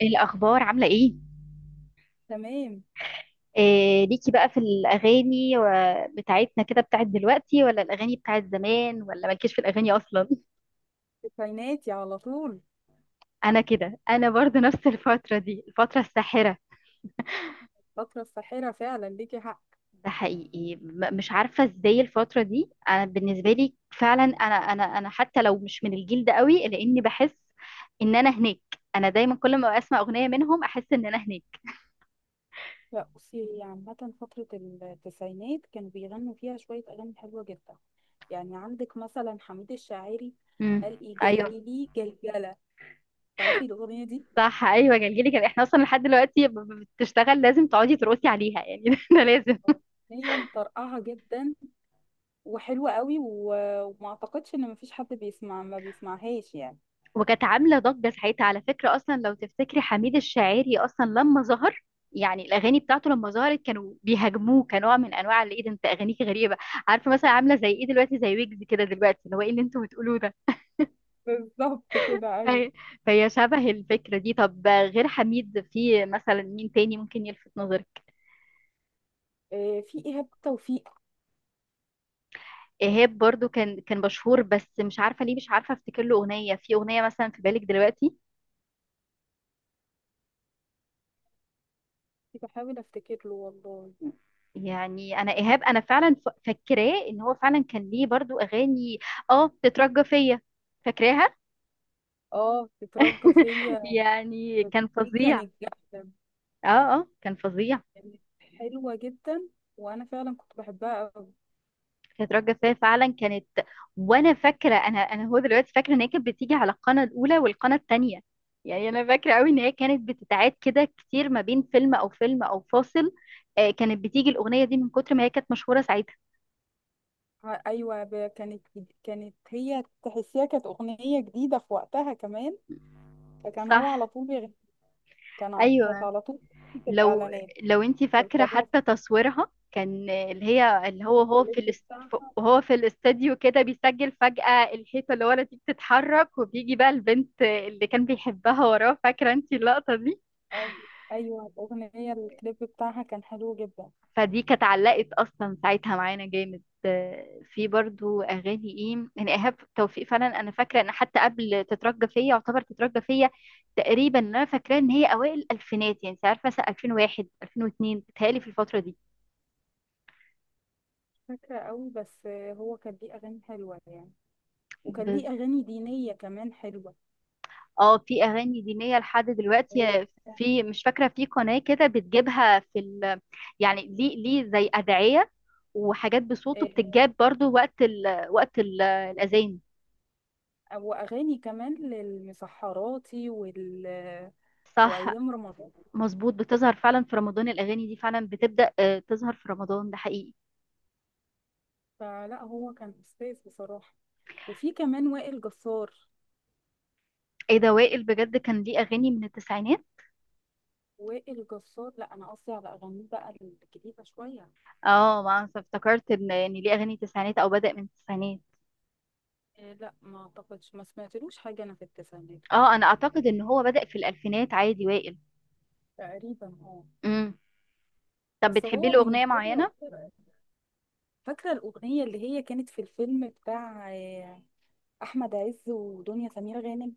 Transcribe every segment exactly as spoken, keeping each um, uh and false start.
إيه الأخبار عاملة إيه؟ تمام. إيه ليكي بقى في الأغاني و- بتاعتنا كده بتاعت دلوقتي ولا الأغاني بتاعت زمان ولا مالكيش في الأغاني أصلا؟ ذكرياتي على طول. أنا كده أنا برضو نفس الفترة دي الفترة الساحرة. فترة ساحرة فعلا، ليكي حق. ده حقيقي، م- مش عارفة إزاي الفترة دي. أنا بالنسبة لي فعلا أنا أنا أنا حتى لو مش من الجيل ده قوي لأني بحس إن أنا هناك. أنا دايما كل ما أسمع أغنية منهم أحس إن أنا هناك. لا بصي، هي عامة فترة التسعينات كانوا بيغنوا فيها شوية أغاني حلوة جدا. يعني عندك مثلا حميد الشاعري، امم قال إيه أيوه. جلجلي جلجلة، تعرفي الأغنية دي؟ صح، ايوه، جلجلي كان احنا اصلا لحد دلوقتي ب- ب- بتشتغل لازم تقعدي ترقصي عليها يعني. ده لازم. هي مطرقعة جدا وحلوة قوي، و- وما أعتقدش إن مفيش حد بيسمع ما بيسمعهاش يعني. وكانت عامله ضجه ساعتها على فكره، اصلا لو تفتكري حميد الشاعري اصلا لما ظهر، يعني الاغاني بتاعته لما ظهرت كانوا بيهاجموه كنوع من انواع اللي ايه ده، انت اغانيك غريبه. عارفه، مثلا عامله زي ايه دلوقتي، زي ويجز كده دلوقتي، اللي هو ايه اللي انتوا بتقولوه ده. بالظبط كده، أيوه. فهي فهي شبه الفكره دي. طب غير حميد، في مثلا مين تاني ممكن يلفت نظرك؟ آه، في إيهاب توفيق. ايهاب برضو كان كان مشهور بس مش عارفه ليه، مش عارفه افتكر له اغنيه، في اغنيه مثلا في بالك دلوقتي؟ بحاول أفتكر له والله. يعني انا ايهاب انا فعلا ف- فاكراه ان هو فعلا كان ليه برضو اغاني. اه، تترجى فيا. فاكراها. اه، تترجى فيا، يعني كان دي فظيع. كانت جامدة، اه. اه، كان فظيع. كانت حلوة جدا وأنا فعلا كنت بحبها أوي. تترجى فيا فعلا كانت. وانا فاكره، انا انا هو دلوقتي فاكره ان هي كانت بتيجي على القناه الاولى والقناه الثانيه. يعني انا فاكره قوي ان هي كانت بتتعاد كده كتير ما بين فيلم او فيلم او فاصل. آه، كانت بتيجي الاغنيه دي من كتر ما هي كانت مشهوره ساعتها. ع- أيوة، ب- كانت جد- كانت هي تحسيها، كانت أغنية جديدة في وقتها كمان. فكان صح، هو على طول بيغ... كان ع- كانت ايوه. على طول في لو الإعلانات، لو انت في فاكره الفضاء، حتى تصويرها كان اللي هي اللي هو في هو الكليب في الاس- ف- بتاعها. وهو في الاستديو كده بيسجل، فجأة الحيطة اللي ورا دي بتتحرك وبيجي بقى البنت اللي كان بيحبها وراه، فاكرة انت اللقطة دي؟ أي- أيوة، الأغنية، الكليب بتاعها كان حلو جدا. فدي كانت علقت اصلا ساعتها معانا جامد. آه، في برضو اغاني ايه يعني ايهاب توفيق. فعلا انا فاكره ان حتى قبل تترجى فيا، يعتبر تترجى فيا تقريبا، انا فاكراه ان هي اوائل الالفينات يعني. انت عارفه، مثلا ألفين وواحد ألفين واتنين بتهيألي في الفتره دي. فاكرة أوي بس هو كان ليه أغاني حلوة يعني، وكان بس ليه أغاني دينية كمان حلوة. اه، في اغاني دينيه لحد إيه، دلوقتي. في، مش فاكره، في قناه كده بتجيبها في ال، يعني ليه ليه زي ادعيه وحاجات بصوته إيه، بتتجاب برضو وقت ال وقت ال الاذان. واغاني كمان للمسحراتي وال صح. وايام رمضان. مظبوط، بتظهر فعلا في رمضان، الاغاني دي فعلا بتبدا آه، تظهر في رمضان. ده حقيقي. فلا هو كان استاذ بصراحه. وفي كمان وائل جسار. ايه ده، وائل بجد كان ليه اغاني من التسعينات؟ وائل جسار، لا انا قصدي على اغانيه بقى الجديده شويه. اه، ما أنا افتكرت ان ان ليه اغاني تسعينات او بدا من التسعينات. إيه، لا ما اعتقدش ما سمعتلوش حاجه انا في التسعينات. اه، انا اعتقد ان هو بدا في الالفينات عادي وائل. تقريبا اه. امم طب بس بتحبي هو له اغنيه بالنسبه لي معينه؟ أكتر- فاكره الاغنيه اللي هي كانت في الفيلم بتاع آه، احمد عز ودنيا سمير غانم،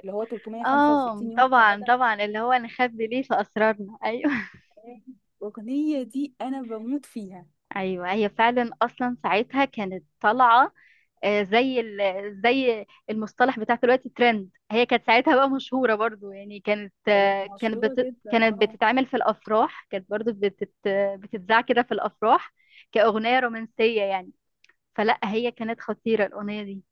اللي هو اه ثلاثمية وخمسة وستين يوم طبعا، سعاده. طبعا اللي هو نخبي ليه في اسرارنا، ايوه. آه، الأغنية دي أنا بموت فيها. ايوه، هي فعلا اصلا ساعتها كانت طالعه آه، زي ال- زي المصطلح بتاع دلوقتي ترند. هي كانت ساعتها بقى مشهوره برضو يعني، كانت كانت آه، كانت مشهورة بت جدا، كانت اه. بتتعمل في الافراح، كانت برضو بتت بتتذاع كده في الافراح كاغنيه رومانسيه يعني. فلا هي كانت خطيره الاغنيه دي.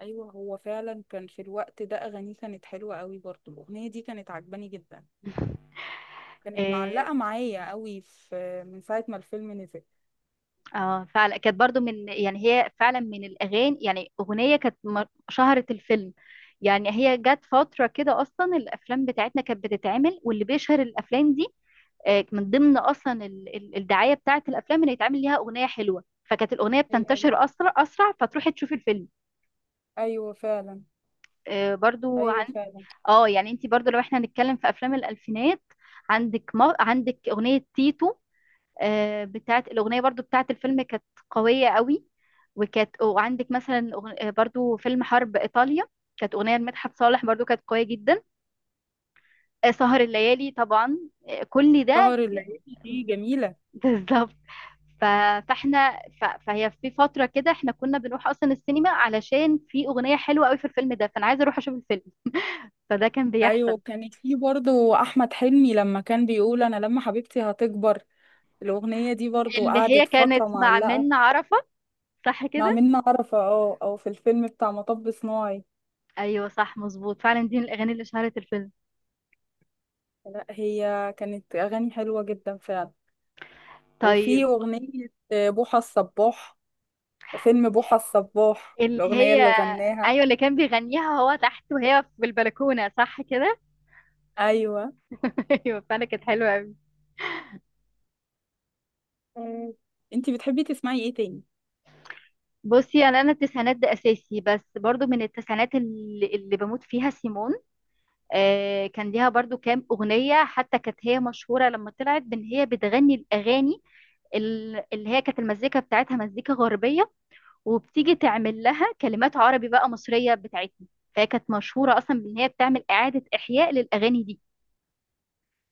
ايوه، هو فعلا كان في الوقت ده اغانيه كانت حلوة قوي، برضو الاغنية دي كانت عجباني جدا. كانت آه، معلقة معايا قوي في من ساعة ما الفيلم نزل. اه فعلا كانت برضو من، يعني هي فعلا من الاغاني، يعني اغنيه كانت م- شهرت الفيلم. يعني هي جت فتره كده اصلا الافلام بتاعتنا كانت بتتعمل واللي بيشهر الافلام دي آه، من ضمن اصلا ال- ال- الدعايه بتاعت الافلام ان يتعمل ليها اغنيه حلوه، فكانت الاغنيه إيه بتنتشر الأغاني؟ اسرع اسرع فتروحي تشوفي الفيلم. ايوه فعلا. آه، برضو ايوه عن، فعلا. اه يعني انت برضو لو احنا هنتكلم في افلام الالفينات، عندك ما... عندك اغنيه تيتو، آه، بتاعت الأغنية برضو بتاعت الفيلم كانت قوية قوي. وكانت وعندك مثلا أغن- آه، برضو فيلم حرب إيطاليا، كانت أغنية لمدحت صالح برضو كانت قوية جدا. آه، سهر الليالي طبعا. آه، كل ده. سهر الليالي دي جميلة. بالظبط. ف- فاحنا ف- فهي في فترة كده، احنا كنا بنروح أصلا السينما علشان في أغنية حلوة قوي في الفيلم ده، فأنا عايزة أروح أشوف الفيلم. فده كان بيحصل. ايوه، كانت في برضو احمد حلمي لما كان بيقول انا لما حبيبتي هتكبر. الاغنية دي برضو اللي هي قعدت فترة كانت مع معلقة. منة عرفة، صح مع كده؟ منة عرفة، اه، او في الفيلم بتاع مطب صناعي. أيوه، صح، مظبوط، فعلا دي من الأغاني اللي شهرت الفيلم. لا هي كانت اغاني حلوة جدا فعلا. وفي طيب. أغنية بوحة الصباح، فيلم بوحة الصباح، اللي الأغنية هي اللي غناها. ايوه، اللي كان بيغنيها هو تحت وهي في البلكونه، صح كده؟ أيوة. ايوه، فانا كانت حلوه قوي. مم. انتي بتحبي تسمعي ايه تاني؟ بصي، انا انا التسعينات ده اساسي، بس برضو من التسعينات اللي, اللي بموت فيها سيمون. آه، كان ليها برضو كام اغنيه، حتى كانت هي مشهوره لما طلعت بان هي بتغني الاغاني ال- اللي هي كانت المزيكا بتاعتها مزيكا غربيه، وبتيجي تعمل لها كلمات عربي بقى مصريه بتاعتنا، فهي كانت مشهوره اصلا بان هي بتعمل اعاده احياء للاغاني دي.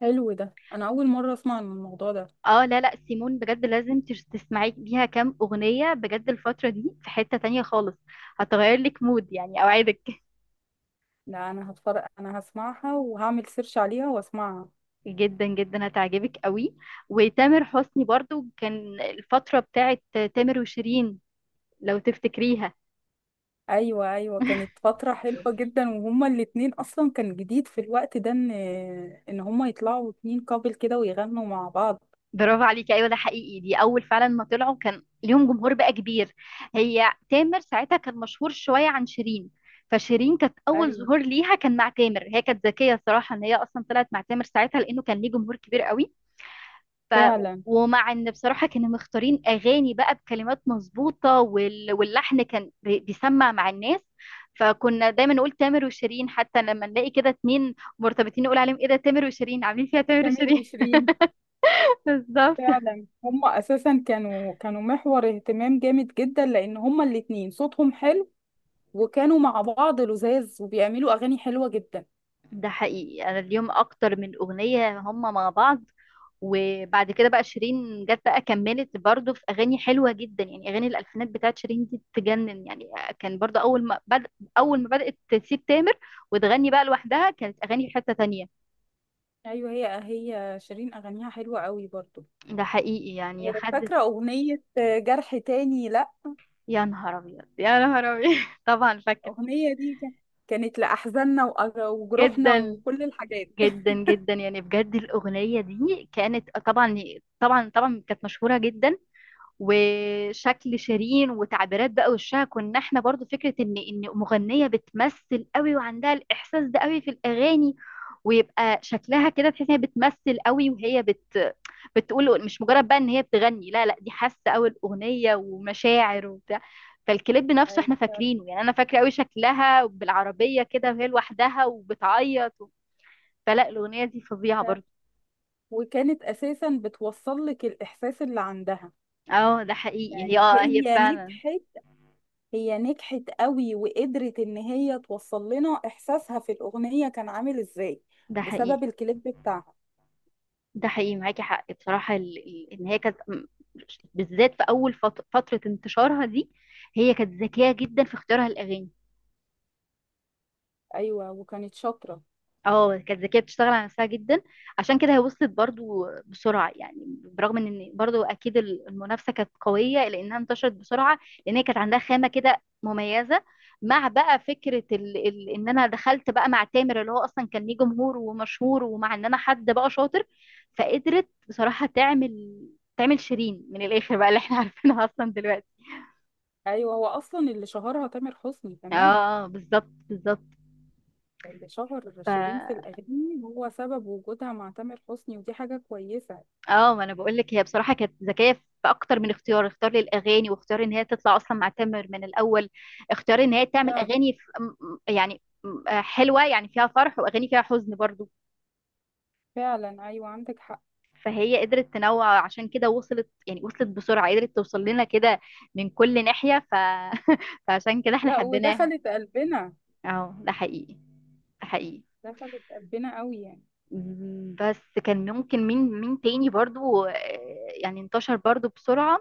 حلو ده، انا اول مره اسمع عن الموضوع ده. اه، لا لا، سيمون بجد لازم تش- تسمعي ليها كام اغنيه بجد. الفتره دي في حته تانية خالص، هتغير لك مود يعني اوعدك. لا انا هتفرج، انا هسمعها وهعمل سيرش عليها واسمعها. جدا جدا هتعجبك قوي. وتامر حسني برضو كان الفتره بتاعت تامر وشيرين، لو تفتكريها. ايوه، ايوه كانت فتره حلوه جدا، وهما الاتنين اصلا كان جديد في الوقت ده ان ان هما يطلعوا اتنين كابل كده ويغنوا مع بعض. برافو عليكي. ايوه ده حقيقي، دي اول فعلا ما طلعوا كان ليهم جمهور بقى كبير. هي تامر ساعتها كان مشهور شويه عن شيرين، فشيرين كانت اول ايوه ظهور ليها كان مع تامر. هي كانت ذكيه الصراحه ان هي اصلا طلعت مع تامر ساعتها، لانه كان ليه جمهور كبير قوي. ف فعلا. ومع ان بصراحه كانوا مختارين اغاني بقى بكلمات مظبوطه وال... واللحن كان بي- بيسمع مع الناس، فكنا دايما نقول تامر وشيرين، حتى لما نلاقي كده اتنين مرتبطين نقول عليهم ايه ده، تامر وشيرين، عاملين فيها تامر سمير وشيرين. وشيرين. بالظبط. فعلا هما اساسا كانوا كانوا محور اهتمام جامد جدا، لان هما الاتنين صوتهم حلو، وكانوا مع بعض لذاذ وبيعملوا اغاني حلوه جدا. ده حقيقي، انا اليوم اكتر من اغنيه هم مع بعض. وبعد كده بقى شيرين جت بقى كملت برضو في اغاني حلوه جدا، يعني اغاني الالفينات بتاعت شيرين دي تجنن يعني. كان برضو اول ما بد... اول ما بدات تسيب تامر وتغني بقى لوحدها كانت اغاني في حته تانية. ايوه، هي هي شيرين اغانيها حلوه قوي برضو. ده حقيقي، يعني خدت. فاكره اغنيه جرح تاني، لا يا نهار ابيض، يا نهار ابيض! طبعا فاكر. الاغنيه دي كان- كانت لاحزاننا وأج- وجروحنا جدا وكل الحاجات. جدا جدا، يعني بجد الاغنيه دي كانت طبعا، طبعا طبعا كانت مشهوره جدا. وشكل شيرين وتعبيرات بقى وشها، كنا احنا برضو فكرة ان ان مغنية بتمثل قوي وعندها الاحساس ده قوي في الاغاني، ويبقى شكلها كده تحس ان هي بتمثل قوي وهي بت بتقول، مش مجرد بقى ان هي بتغني، لا لا، دي حاسة قوي الاغنية ومشاعر وبتاع. فالكليب نفسه احنا ايوه فاكرينه، يعني انا فاكرة قوي شكلها بالعربية كده وهي لوحدها وبتعيط و... فلا الاغنية دي فظيعة فعلا. برضو. وكانت اساسا بتوصل لك الاحساس اللي عندها. اه ده حقيقي، هي يعني اه هي هي فعلا. نجحت، هي نجحت قوي، وقدرت ان هي توصل لنا احساسها في الاغنية كان عامل ازاي. ده حقيقي. بسبب الكليب بتاعها. ده حقيقي معاكي حق بصراحة، ال... ال- ان هي كانت م- بالذات في اول فت- فترة انتشارها دي، هي كانت ذكية جدا في اختيارها الاغاني. ايوه، وكانت شاطرة. اه، كانت ذكيه بتشتغل على نفسها جدا، عشان كده هي وصلت برضو بسرعه يعني، برغم ان برضو اكيد المنافسه كانت قويه لانها انتشرت بسرعه، لان هي كانت عندها خامه كده مميزه، مع بقى فكره ال... ال... ان انا دخلت بقى مع تامر اللي هو اصلا كان ليه جمهور ومشهور، ومع ان انا حد بقى شاطر، فقدرت بصراحه تعمل تعمل شيرين من الاخر بقى اللي احنا عارفينها اصلا دلوقتي. ايوه هو اصلا اللي شهرها تامر حسني كمان. اه بالظبط، بالظبط. اللي شهر ف شيرين في الاغاني هو سبب وجودها مع تامر حسني، ودي حاجة كويسة. اه ما انا بقول لك هي بصراحه كانت ذكيه في اكتر من اختيار اختيار للاغاني، واختيار ان هي تطلع اصلا مع تامر من الاول، اختيار ان هي تعمل فعلا، اغاني في م- يعني م- آه، حلوه، يعني فيها فرح واغاني فيها حزن برضو. فعلا. ايوه عندك حق. فهي قدرت تنوع، عشان كده وصلت، يعني وصلت بسرعه، قدرت توصل لنا كده من كل ناحيه ف... فعشان كده احنا لا حبيناها. ودخلت قلبنا. اه ده حقيقي. ده حقيقي. دخلت قلبنا قوي يعني. بس كان ممكن مين مين تاني برضو، آه، يعني انتشر برضو بسرعة.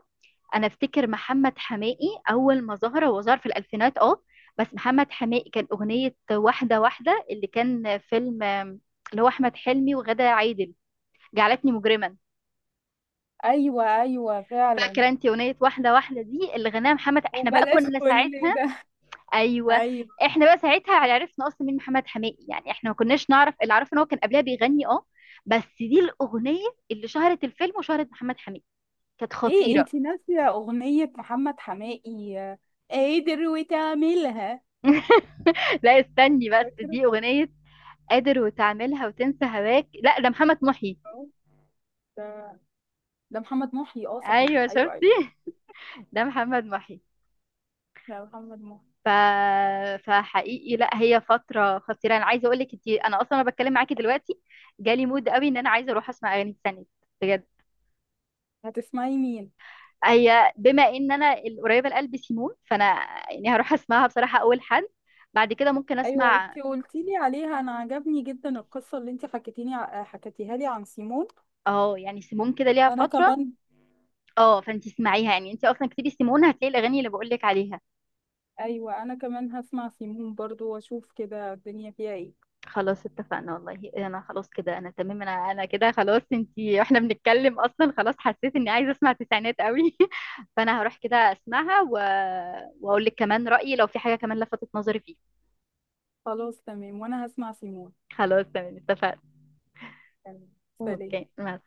انا افتكر محمد حماقي اول ما ظهر هو ظهر في الالفينات اه، بس محمد حماقي كان اغنية واحدة واحدة اللي كان فيلم آم، اللي هو احمد حلمي وغادة عادل، جعلتني مجرما. ايوه، ايوه فعلا. فاكرة انت اغنية واحدة واحدة دي اللي غناها محمد؟ احنا بقى وبلاش كنا كل ساعتها. ده. ايوه. ايوه. احنا بقى ساعتها عرفنا اصلا مين محمد حماقي يعني، احنا ما كناش نعرف، اللي عرفنا ان هو كان قبلها بيغني اه، بس دي الاغنيه اللي شهرت الفيلم وشهرت محمد حماقي، كانت ليه خطيره. انتي ناسية أغنية محمد حماقي آه، قادر وتعملها؟ لا استني بس، فاكرة. دي اغنيه قادر وتعملها وتنسى هواك، لا ده محمد محي. اه، ده ده محمد محي. اه صحيح، ايوه ايوه، شفتي. ايوه. ده محمد محي. لا محمد مهدي. ف... فحقيقي لا، هي فتره خطيره. انا عايزه اقول لك انت، انا اصلا انا بتكلم معاكي دلوقتي جالي مود قوي ان انا عايزه اروح اسمع اغاني تانية بجد. هتسمعي مين؟ هي بما ان انا القريبه لقلبي سيمون، فانا يعني هروح اسمعها بصراحه اول حد، بعد كده ممكن ايوه، اسمع. انتي قلتي لي عليها، انا عجبني جدا القصة اللي انتي حكيتيني ع- حكيتيها لي عن سيمون. اه يعني سيمون كده ليها انا فتره، كمان. اه فانت اسمعيها، يعني انت اصلا كتير سيمون، هتلاقي الاغاني اللي بقول لك عليها. ايوه، انا كمان هسمع سيمون برضو واشوف كده الدنيا فيها ايه. خلاص اتفقنا، والله انا خلاص كده انا تمام، انا انا كده خلاص انت. احنا بنتكلم اصلا خلاص حسيت اني عايزه اسمع تسعينات قوي. فانا هروح كده اسمعها و... واقول لك كمان رايي لو في حاجه كمان لفتت نظري فيه. خلاص تمام، وانا هسمع سيمون. خلاص تمام اتفقنا. تمام. سلام. اوكي مع